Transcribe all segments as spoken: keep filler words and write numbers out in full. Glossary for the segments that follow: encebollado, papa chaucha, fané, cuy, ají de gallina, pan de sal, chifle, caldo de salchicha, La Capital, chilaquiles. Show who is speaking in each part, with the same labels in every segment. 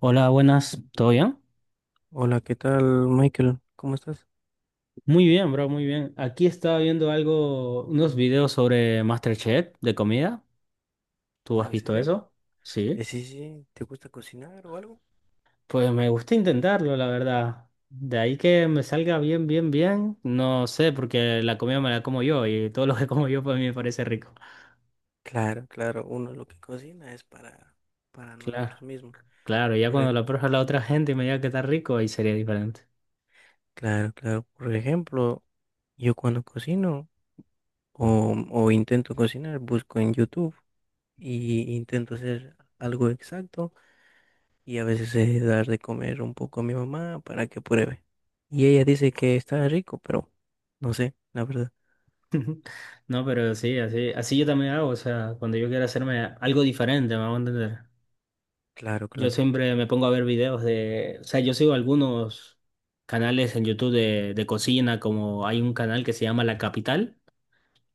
Speaker 1: Hola, buenas, ¿todo bien?
Speaker 2: Hola, ¿qué tal, Michael? ¿Cómo estás?
Speaker 1: Muy bien, bro, muy bien. Aquí estaba viendo algo, unos videos sobre MasterChef de comida. ¿Tú
Speaker 2: Ah,
Speaker 1: has
Speaker 2: ¿en
Speaker 1: visto
Speaker 2: serio?
Speaker 1: eso?
Speaker 2: Eh,
Speaker 1: Sí.
Speaker 2: sí, sí, ¿te gusta cocinar o algo?
Speaker 1: Pues me gusta intentarlo, la verdad. De ahí que me salga bien, bien, bien. No sé, porque la comida me la como yo y todo lo que como yo para mí me parece rico.
Speaker 2: Claro, claro, uno lo que cocina es para, para
Speaker 1: Claro,
Speaker 2: nosotros mismos.
Speaker 1: claro, ya
Speaker 2: Por
Speaker 1: cuando
Speaker 2: ej-
Speaker 1: lo prueba la otra gente y me diga que está rico, ahí sería diferente.
Speaker 2: claro, claro, por ejemplo, yo cuando cocino o, o intento cocinar, busco en YouTube y intento hacer algo exacto y a veces eh, dar de comer un poco a mi mamá para que pruebe. Y ella dice que está rico, pero no sé, la verdad.
Speaker 1: No, pero sí, así, así yo también hago, o sea, cuando yo quiero hacerme algo diferente, me hago entender.
Speaker 2: Claro,
Speaker 1: Yo
Speaker 2: claro.
Speaker 1: siempre me pongo a ver videos de, o sea, yo sigo algunos canales en YouTube de, de cocina, como hay un canal que se llama La Capital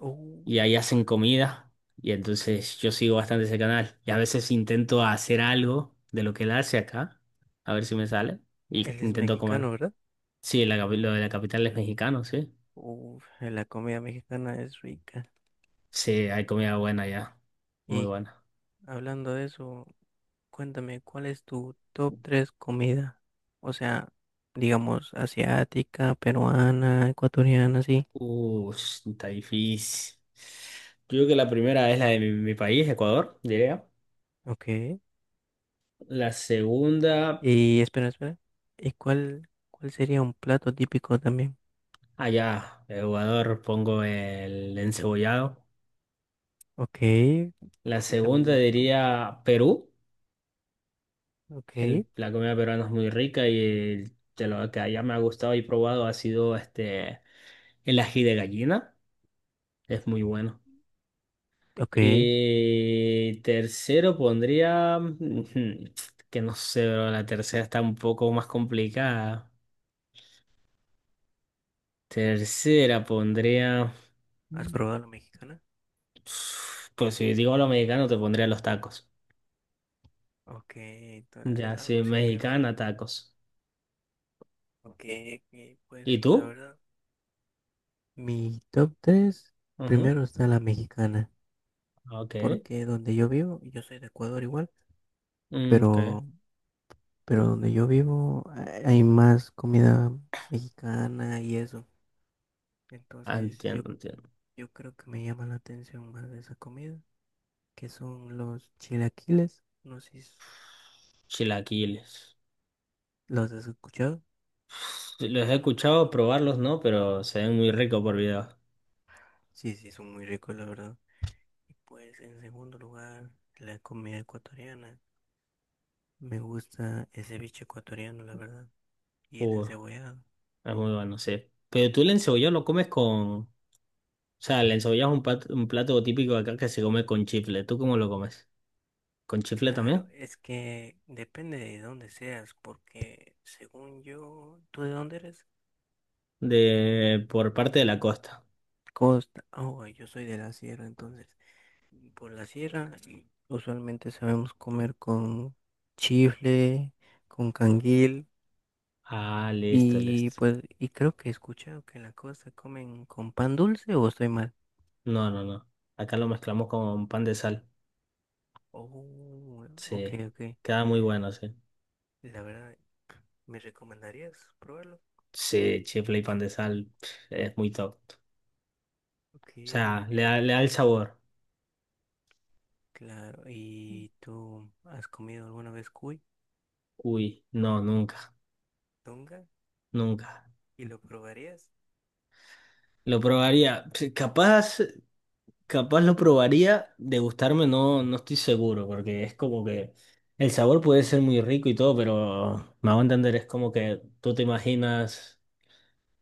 Speaker 2: Oh,
Speaker 1: y ahí hacen comida y entonces yo sigo bastante ese canal y a veces intento hacer algo de lo que él hace acá, a ver si me sale y
Speaker 2: él es
Speaker 1: intento comer.
Speaker 2: mexicano, ¿verdad?
Speaker 1: Sí, la, capi- lo de La Capital es mexicano, sí.
Speaker 2: Uf, la comida mexicana es rica.
Speaker 1: Sí, hay comida buena ya, muy
Speaker 2: Y
Speaker 1: buena.
Speaker 2: hablando de eso, cuéntame, ¿cuál es tu top tres comida? O sea, digamos, asiática, peruana, ecuatoriana, sí.
Speaker 1: Uh, está difícil. Yo creo que la primera es la de mi mi país, Ecuador, diría.
Speaker 2: Ok.
Speaker 1: La segunda,
Speaker 2: Y espera, espera. ¿Y cuál, cuál sería un plato típico también?
Speaker 1: allá, Ecuador, pongo el encebollado.
Speaker 2: Ok.
Speaker 1: La
Speaker 2: ¿Y también
Speaker 1: segunda
Speaker 2: es rico?
Speaker 1: diría Perú. El-
Speaker 2: Ok.
Speaker 1: la comida peruana es muy rica y el- de lo que allá me ha gustado y probado ha sido este, el ají de gallina. Es muy bueno.
Speaker 2: Ok.
Speaker 1: Y tercero pondría, ujú, que no sé, bro, la tercera está un poco más complicada. Tercera pondría,
Speaker 2: ¿Has probado la mexicana?
Speaker 1: pues si digo lo mexicano, te pondría los tacos.
Speaker 2: Ok. ta- Es
Speaker 1: Ya, sí,
Speaker 2: algo simple, vaya.
Speaker 1: mexicana, tacos.
Speaker 2: Ok, ok, pues
Speaker 1: ¿Y
Speaker 2: la
Speaker 1: tú?
Speaker 2: verdad. Mi top tres,
Speaker 1: Ajá.
Speaker 2: primero está la mexicana,
Speaker 1: Ok.
Speaker 2: porque donde yo vivo, yo soy de Ecuador igual,
Speaker 1: Mm, ok.
Speaker 2: pero, pero donde yo vivo ha- hay más comida mexicana y eso.
Speaker 1: Ah,
Speaker 2: Entonces
Speaker 1: entiendo,
Speaker 2: yo,
Speaker 1: entiendo.
Speaker 2: yo creo que me llama la atención más de esa comida, que son los chilaquiles, no sé si
Speaker 1: Chilaquiles.
Speaker 2: los has escuchado.
Speaker 1: Sí, los he escuchado probarlos, ¿no? Pero se ven muy ricos por video.
Speaker 2: Sí, sí, son muy ricos, la verdad. Y pues en segundo lugar, la comida ecuatoriana. Me gusta ese bicho ecuatoriano, la verdad, y el
Speaker 1: Uh,
Speaker 2: encebollado.
Speaker 1: es muy bueno, sí. Pero tú el
Speaker 2: No,
Speaker 1: encebollado lo comes con... O sea, el encebollado es un pat- un plato típico de acá que se come con chifle. ¿Tú cómo lo comes? ¿Con chifle
Speaker 2: claro,
Speaker 1: también?
Speaker 2: es que depende de dónde seas, porque según yo, ¿tú de dónde eres?
Speaker 1: De... Por parte de la costa.
Speaker 2: Costa. Oh, yo soy de la sierra, entonces. Por la sierra, usualmente sabemos comer con chifle, con canguil,
Speaker 1: Ah, listo,
Speaker 2: y
Speaker 1: listo.
Speaker 2: pues, y creo que he escuchado que en la costa comen con pan dulce, o estoy mal.
Speaker 1: No, no, no. Acá lo mezclamos con pan de sal.
Speaker 2: Oh, ok,
Speaker 1: Sí.
Speaker 2: ok.
Speaker 1: Queda muy bueno, sí.
Speaker 2: La verdad, ¿me recomendarías probarlo?
Speaker 1: Sí, chifle y pan de sal pf, es muy top. O
Speaker 2: Ok,
Speaker 1: sea,
Speaker 2: ok.
Speaker 1: le da, le da el sabor.
Speaker 2: Claro, ¿y tú has comido alguna vez cuy,
Speaker 1: Uy, no, nunca,
Speaker 2: tunga?
Speaker 1: nunca.
Speaker 2: ¿Y lo probarías?
Speaker 1: Lo probaría. Pf, capaz, capaz lo probaría. De gustarme no, no estoy seguro, porque es como que el sabor puede ser muy rico y todo, pero me hago entender, es como que tú te imaginas.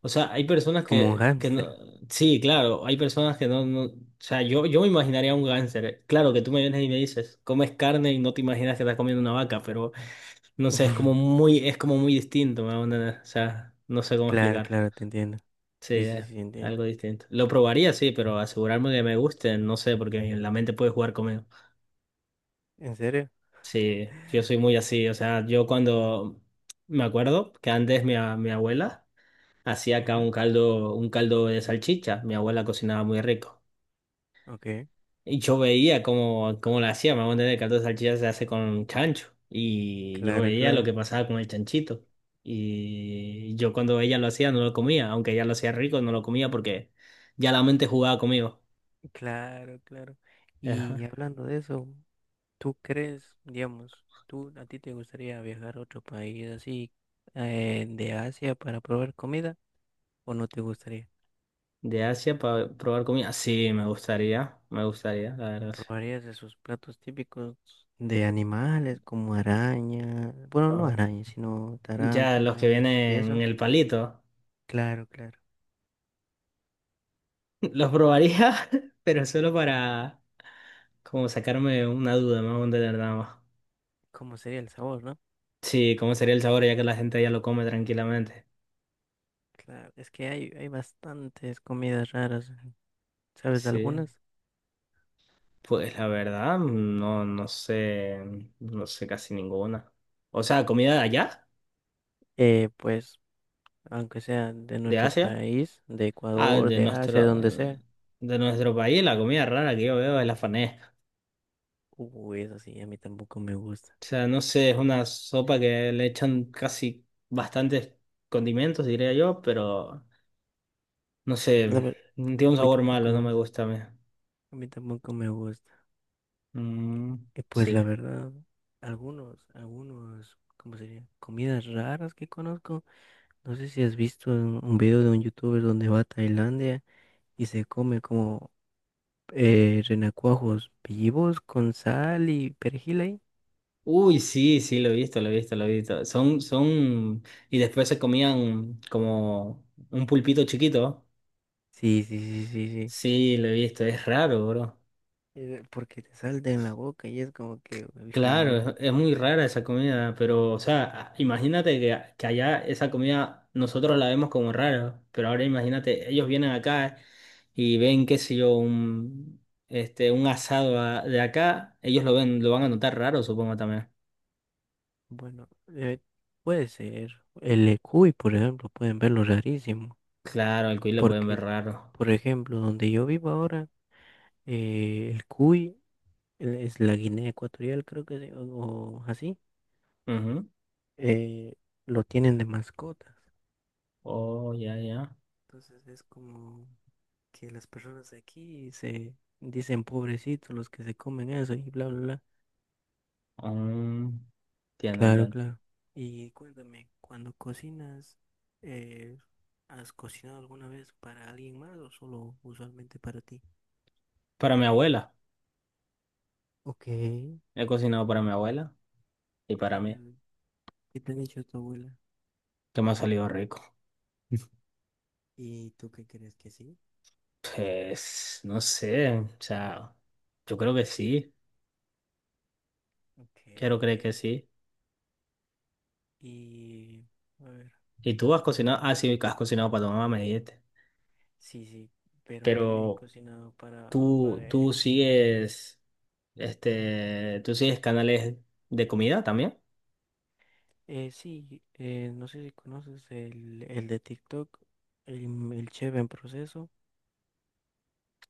Speaker 1: O sea, hay personas
Speaker 2: Como un
Speaker 1: que, que no.
Speaker 2: hámster.
Speaker 1: Sí, claro, hay personas que no, no. O sea, yo, yo me imaginaría un gánster. Claro que tú me vienes y me dices, comes carne y no te imaginas que estás comiendo una vaca, pero. No sé, es como muy, es como muy distinto, me onda, o sea, no sé cómo
Speaker 2: Claro,
Speaker 1: explicar.
Speaker 2: claro, te entiendo.
Speaker 1: Sí,
Speaker 2: Sí, sí,
Speaker 1: es
Speaker 2: sí, entiendo.
Speaker 1: algo distinto. Lo probaría, sí, pero asegurarme que me guste, no sé, porque la mente puede jugar conmigo.
Speaker 2: ¿En serio?
Speaker 1: Sí, yo soy muy
Speaker 2: Okay.
Speaker 1: así, o sea, yo cuando me acuerdo que antes mi, a- mi abuela hacía acá
Speaker 2: Ujú,
Speaker 1: un caldo, un caldo de salchicha, mi abuela cocinaba muy rico.
Speaker 2: ok,
Speaker 1: Y yo veía cómo, cómo la hacía, me voy a entender, el caldo de salchicha se hace con chancho. Y yo
Speaker 2: claro,
Speaker 1: veía lo
Speaker 2: claro.
Speaker 1: que pasaba con el chanchito. Y yo cuando ella lo hacía no lo comía, aunque ella lo hacía rico, no lo comía porque ya la mente jugaba conmigo.
Speaker 2: Claro, claro. Y
Speaker 1: Ajá.
Speaker 2: hablando de eso, ¿tú crees, digamos, tú a ti te gustaría viajar a otro país así eh, de Asia para probar comida o no te gustaría?
Speaker 1: De Asia para probar comida. Sí, me gustaría, me gustaría, la verdad. Sí.
Speaker 2: Probarías de sus platos típicos de animales como arañas, bueno, no
Speaker 1: Ah,
Speaker 2: arañas, sino
Speaker 1: ya los que
Speaker 2: tarántulas y
Speaker 1: vienen en
Speaker 2: eso.
Speaker 1: el palito,
Speaker 2: Claro, claro.
Speaker 1: los probaría, pero solo para como sacarme una duda, me voy a entender nada más.
Speaker 2: ¿Cómo sería el sabor, no?
Speaker 1: Sí, cómo sería el sabor ya que la gente ya lo come tranquilamente.
Speaker 2: Claro, es que hay, hay bastantes comidas raras, ¿sabes? De
Speaker 1: Sí,
Speaker 2: algunas,
Speaker 1: pues la verdad, no, no sé, no sé casi ninguna. O sea, comida de allá,
Speaker 2: eh, pues, aunque sea de
Speaker 1: de
Speaker 2: nuestro
Speaker 1: Asia,
Speaker 2: país, de
Speaker 1: ah,
Speaker 2: Ecuador,
Speaker 1: de
Speaker 2: de Asia, de
Speaker 1: nuestro,
Speaker 2: donde sea.
Speaker 1: de nuestro país, la comida rara que yo veo es la fané.
Speaker 2: Uy, eso sí, a mí tampoco me gusta.
Speaker 1: O sea, no sé, es una sopa que le echan casi bastantes condimentos, diría yo, pero no
Speaker 2: La
Speaker 1: sé,
Speaker 2: ver-
Speaker 1: tiene un
Speaker 2: a mí
Speaker 1: sabor
Speaker 2: tampoco
Speaker 1: malo,
Speaker 2: me
Speaker 1: no me
Speaker 2: gusta.
Speaker 1: gusta a mí.
Speaker 2: A mí tampoco me gusta.
Speaker 1: Mm,
Speaker 2: Que pues
Speaker 1: sí.
Speaker 2: la verdad, algunos, algunos, ¿cómo sería? Comidas raras que conozco. No sé si has visto un un video de un youtuber donde va a Tailandia y se come como eh, renacuajos vivos con sal y perejil ahí.
Speaker 1: Uy, sí, sí, lo he visto, lo he visto, lo he visto. Son, son, y después se comían como un pulpito chiquito.
Speaker 2: Sí, sí, sí, sí, sí.
Speaker 1: Sí, lo he visto, es raro, bro.
Speaker 2: Eh, porque te salta en la boca y es como que, uy,
Speaker 1: Claro,
Speaker 2: no,
Speaker 1: es, es muy rara esa comida, pero, o sea, a- imagínate que, que allá esa comida nosotros la vemos como rara, pero ahora imagínate, ellos vienen acá y ven, qué sé yo, un, este, un asado a- de acá, ellos lo ven, lo van a notar raro, supongo también.
Speaker 2: bueno, eh, puede ser. El cuy, por ejemplo, pueden verlo rarísimo.
Speaker 1: Claro, al cuy le pueden
Speaker 2: Porque,
Speaker 1: ver raro.
Speaker 2: por ejemplo, donde yo vivo ahora, eh, el cuy, el- es la Guinea Ecuatorial, creo que, se- o, o así,
Speaker 1: Ujú.
Speaker 2: eh, lo tienen de mascotas.
Speaker 1: Oh, ya, ya.
Speaker 2: Entonces es como que las personas de aquí se dicen pobrecitos los que se comen eso y bla, bla, bla.
Speaker 1: Mm, entiendo,
Speaker 2: Claro,
Speaker 1: entiendo.
Speaker 2: claro. Y cuéntame, cuando cocinas, eh, ¿has cocinado alguna vez para alguien más o solo usualmente para ti?
Speaker 1: Para mi abuela.
Speaker 2: Ok.
Speaker 1: He cocinado para mi abuela y para
Speaker 2: ¿Qué
Speaker 1: mí,
Speaker 2: tal? ¿Qué te ha dicho tu abuela?
Speaker 1: que me ha salido rico.
Speaker 2: ¿Y tú qué crees que sí?
Speaker 1: Pues, no sé, o sea, yo creo que sí,
Speaker 2: Ok,
Speaker 1: quiero
Speaker 2: ok.
Speaker 1: creer que sí.
Speaker 2: Y, a ver,
Speaker 1: ¿Y tú has
Speaker 2: ¿cuál?
Speaker 1: cocinado? Ah, sí, que has cocinado para tu mamá, me dijiste.
Speaker 2: Sí, sí, pero también he
Speaker 1: Pero
Speaker 2: cocinado para
Speaker 1: tú, tú
Speaker 2: bareje.
Speaker 1: sigues, este, tú sigues canales de comida también.
Speaker 2: Eh, sí, eh, no sé si conoces el, el de TikTok, el, el chef en proceso,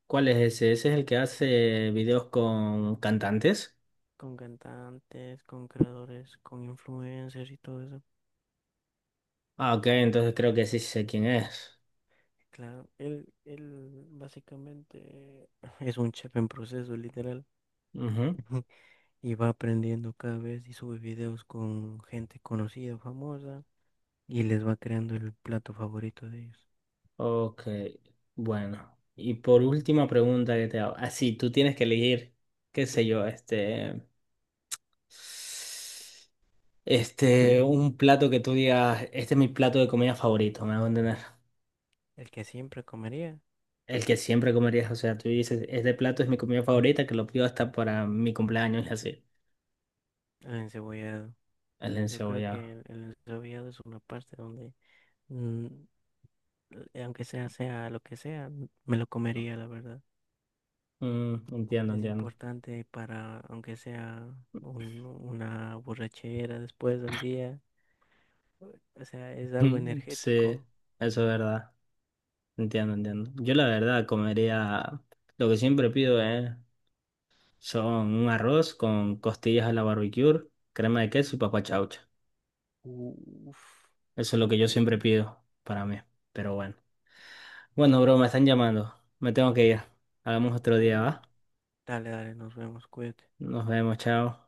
Speaker 1: ¿Cuál es ese? Ese es el que hace videos con cantantes.
Speaker 2: con cantantes, con creadores, con influencers y todo eso.
Speaker 1: Ah, ok, entonces creo que sí sé quién es.
Speaker 2: Claro, él, él básicamente es un chef en proceso, literal.
Speaker 1: Ujú.
Speaker 2: Y va aprendiendo cada vez y sube videos con gente conocida, famosa, y les va creando el plato favorito de ellos.
Speaker 1: Ok, bueno. Y por última pregunta que te hago. Así, tú tienes que elegir, qué sé yo, este... Este, un plato que tú digas, este es mi plato de comida favorito, me hago entender.
Speaker 2: El que siempre comería,
Speaker 1: El que siempre comerías, o sea, tú dices, este plato es mi comida favorita, que lo pido hasta para mi cumpleaños y así.
Speaker 2: el encebollado.
Speaker 1: El
Speaker 2: Yo creo que
Speaker 1: encebollado.
Speaker 2: el, el encebollado es una parte donde, mm, eh, aunque sea, sea lo que sea, me lo comería, la verdad.
Speaker 1: Mm, entiendo,
Speaker 2: Es
Speaker 1: entiendo.
Speaker 2: importante para, aunque sea un- una borrachera después de un día, o sea, es algo
Speaker 1: Mm, sí,
Speaker 2: energético.
Speaker 1: eso es verdad. Entiendo, entiendo. Yo la verdad comería, lo que siempre pido es son un arroz con costillas a la barbecue, crema de queso y papa chaucha.
Speaker 2: Uf,
Speaker 1: Eso es lo que
Speaker 2: ok.
Speaker 1: yo siempre pido para mí. Pero bueno. Bueno, bro, me están llamando. Me tengo que ir. Hagamos otro día,
Speaker 2: Oh,
Speaker 1: ¿va?
Speaker 2: dale, dale, nos vemos, cuídate.
Speaker 1: Nos vemos, chao.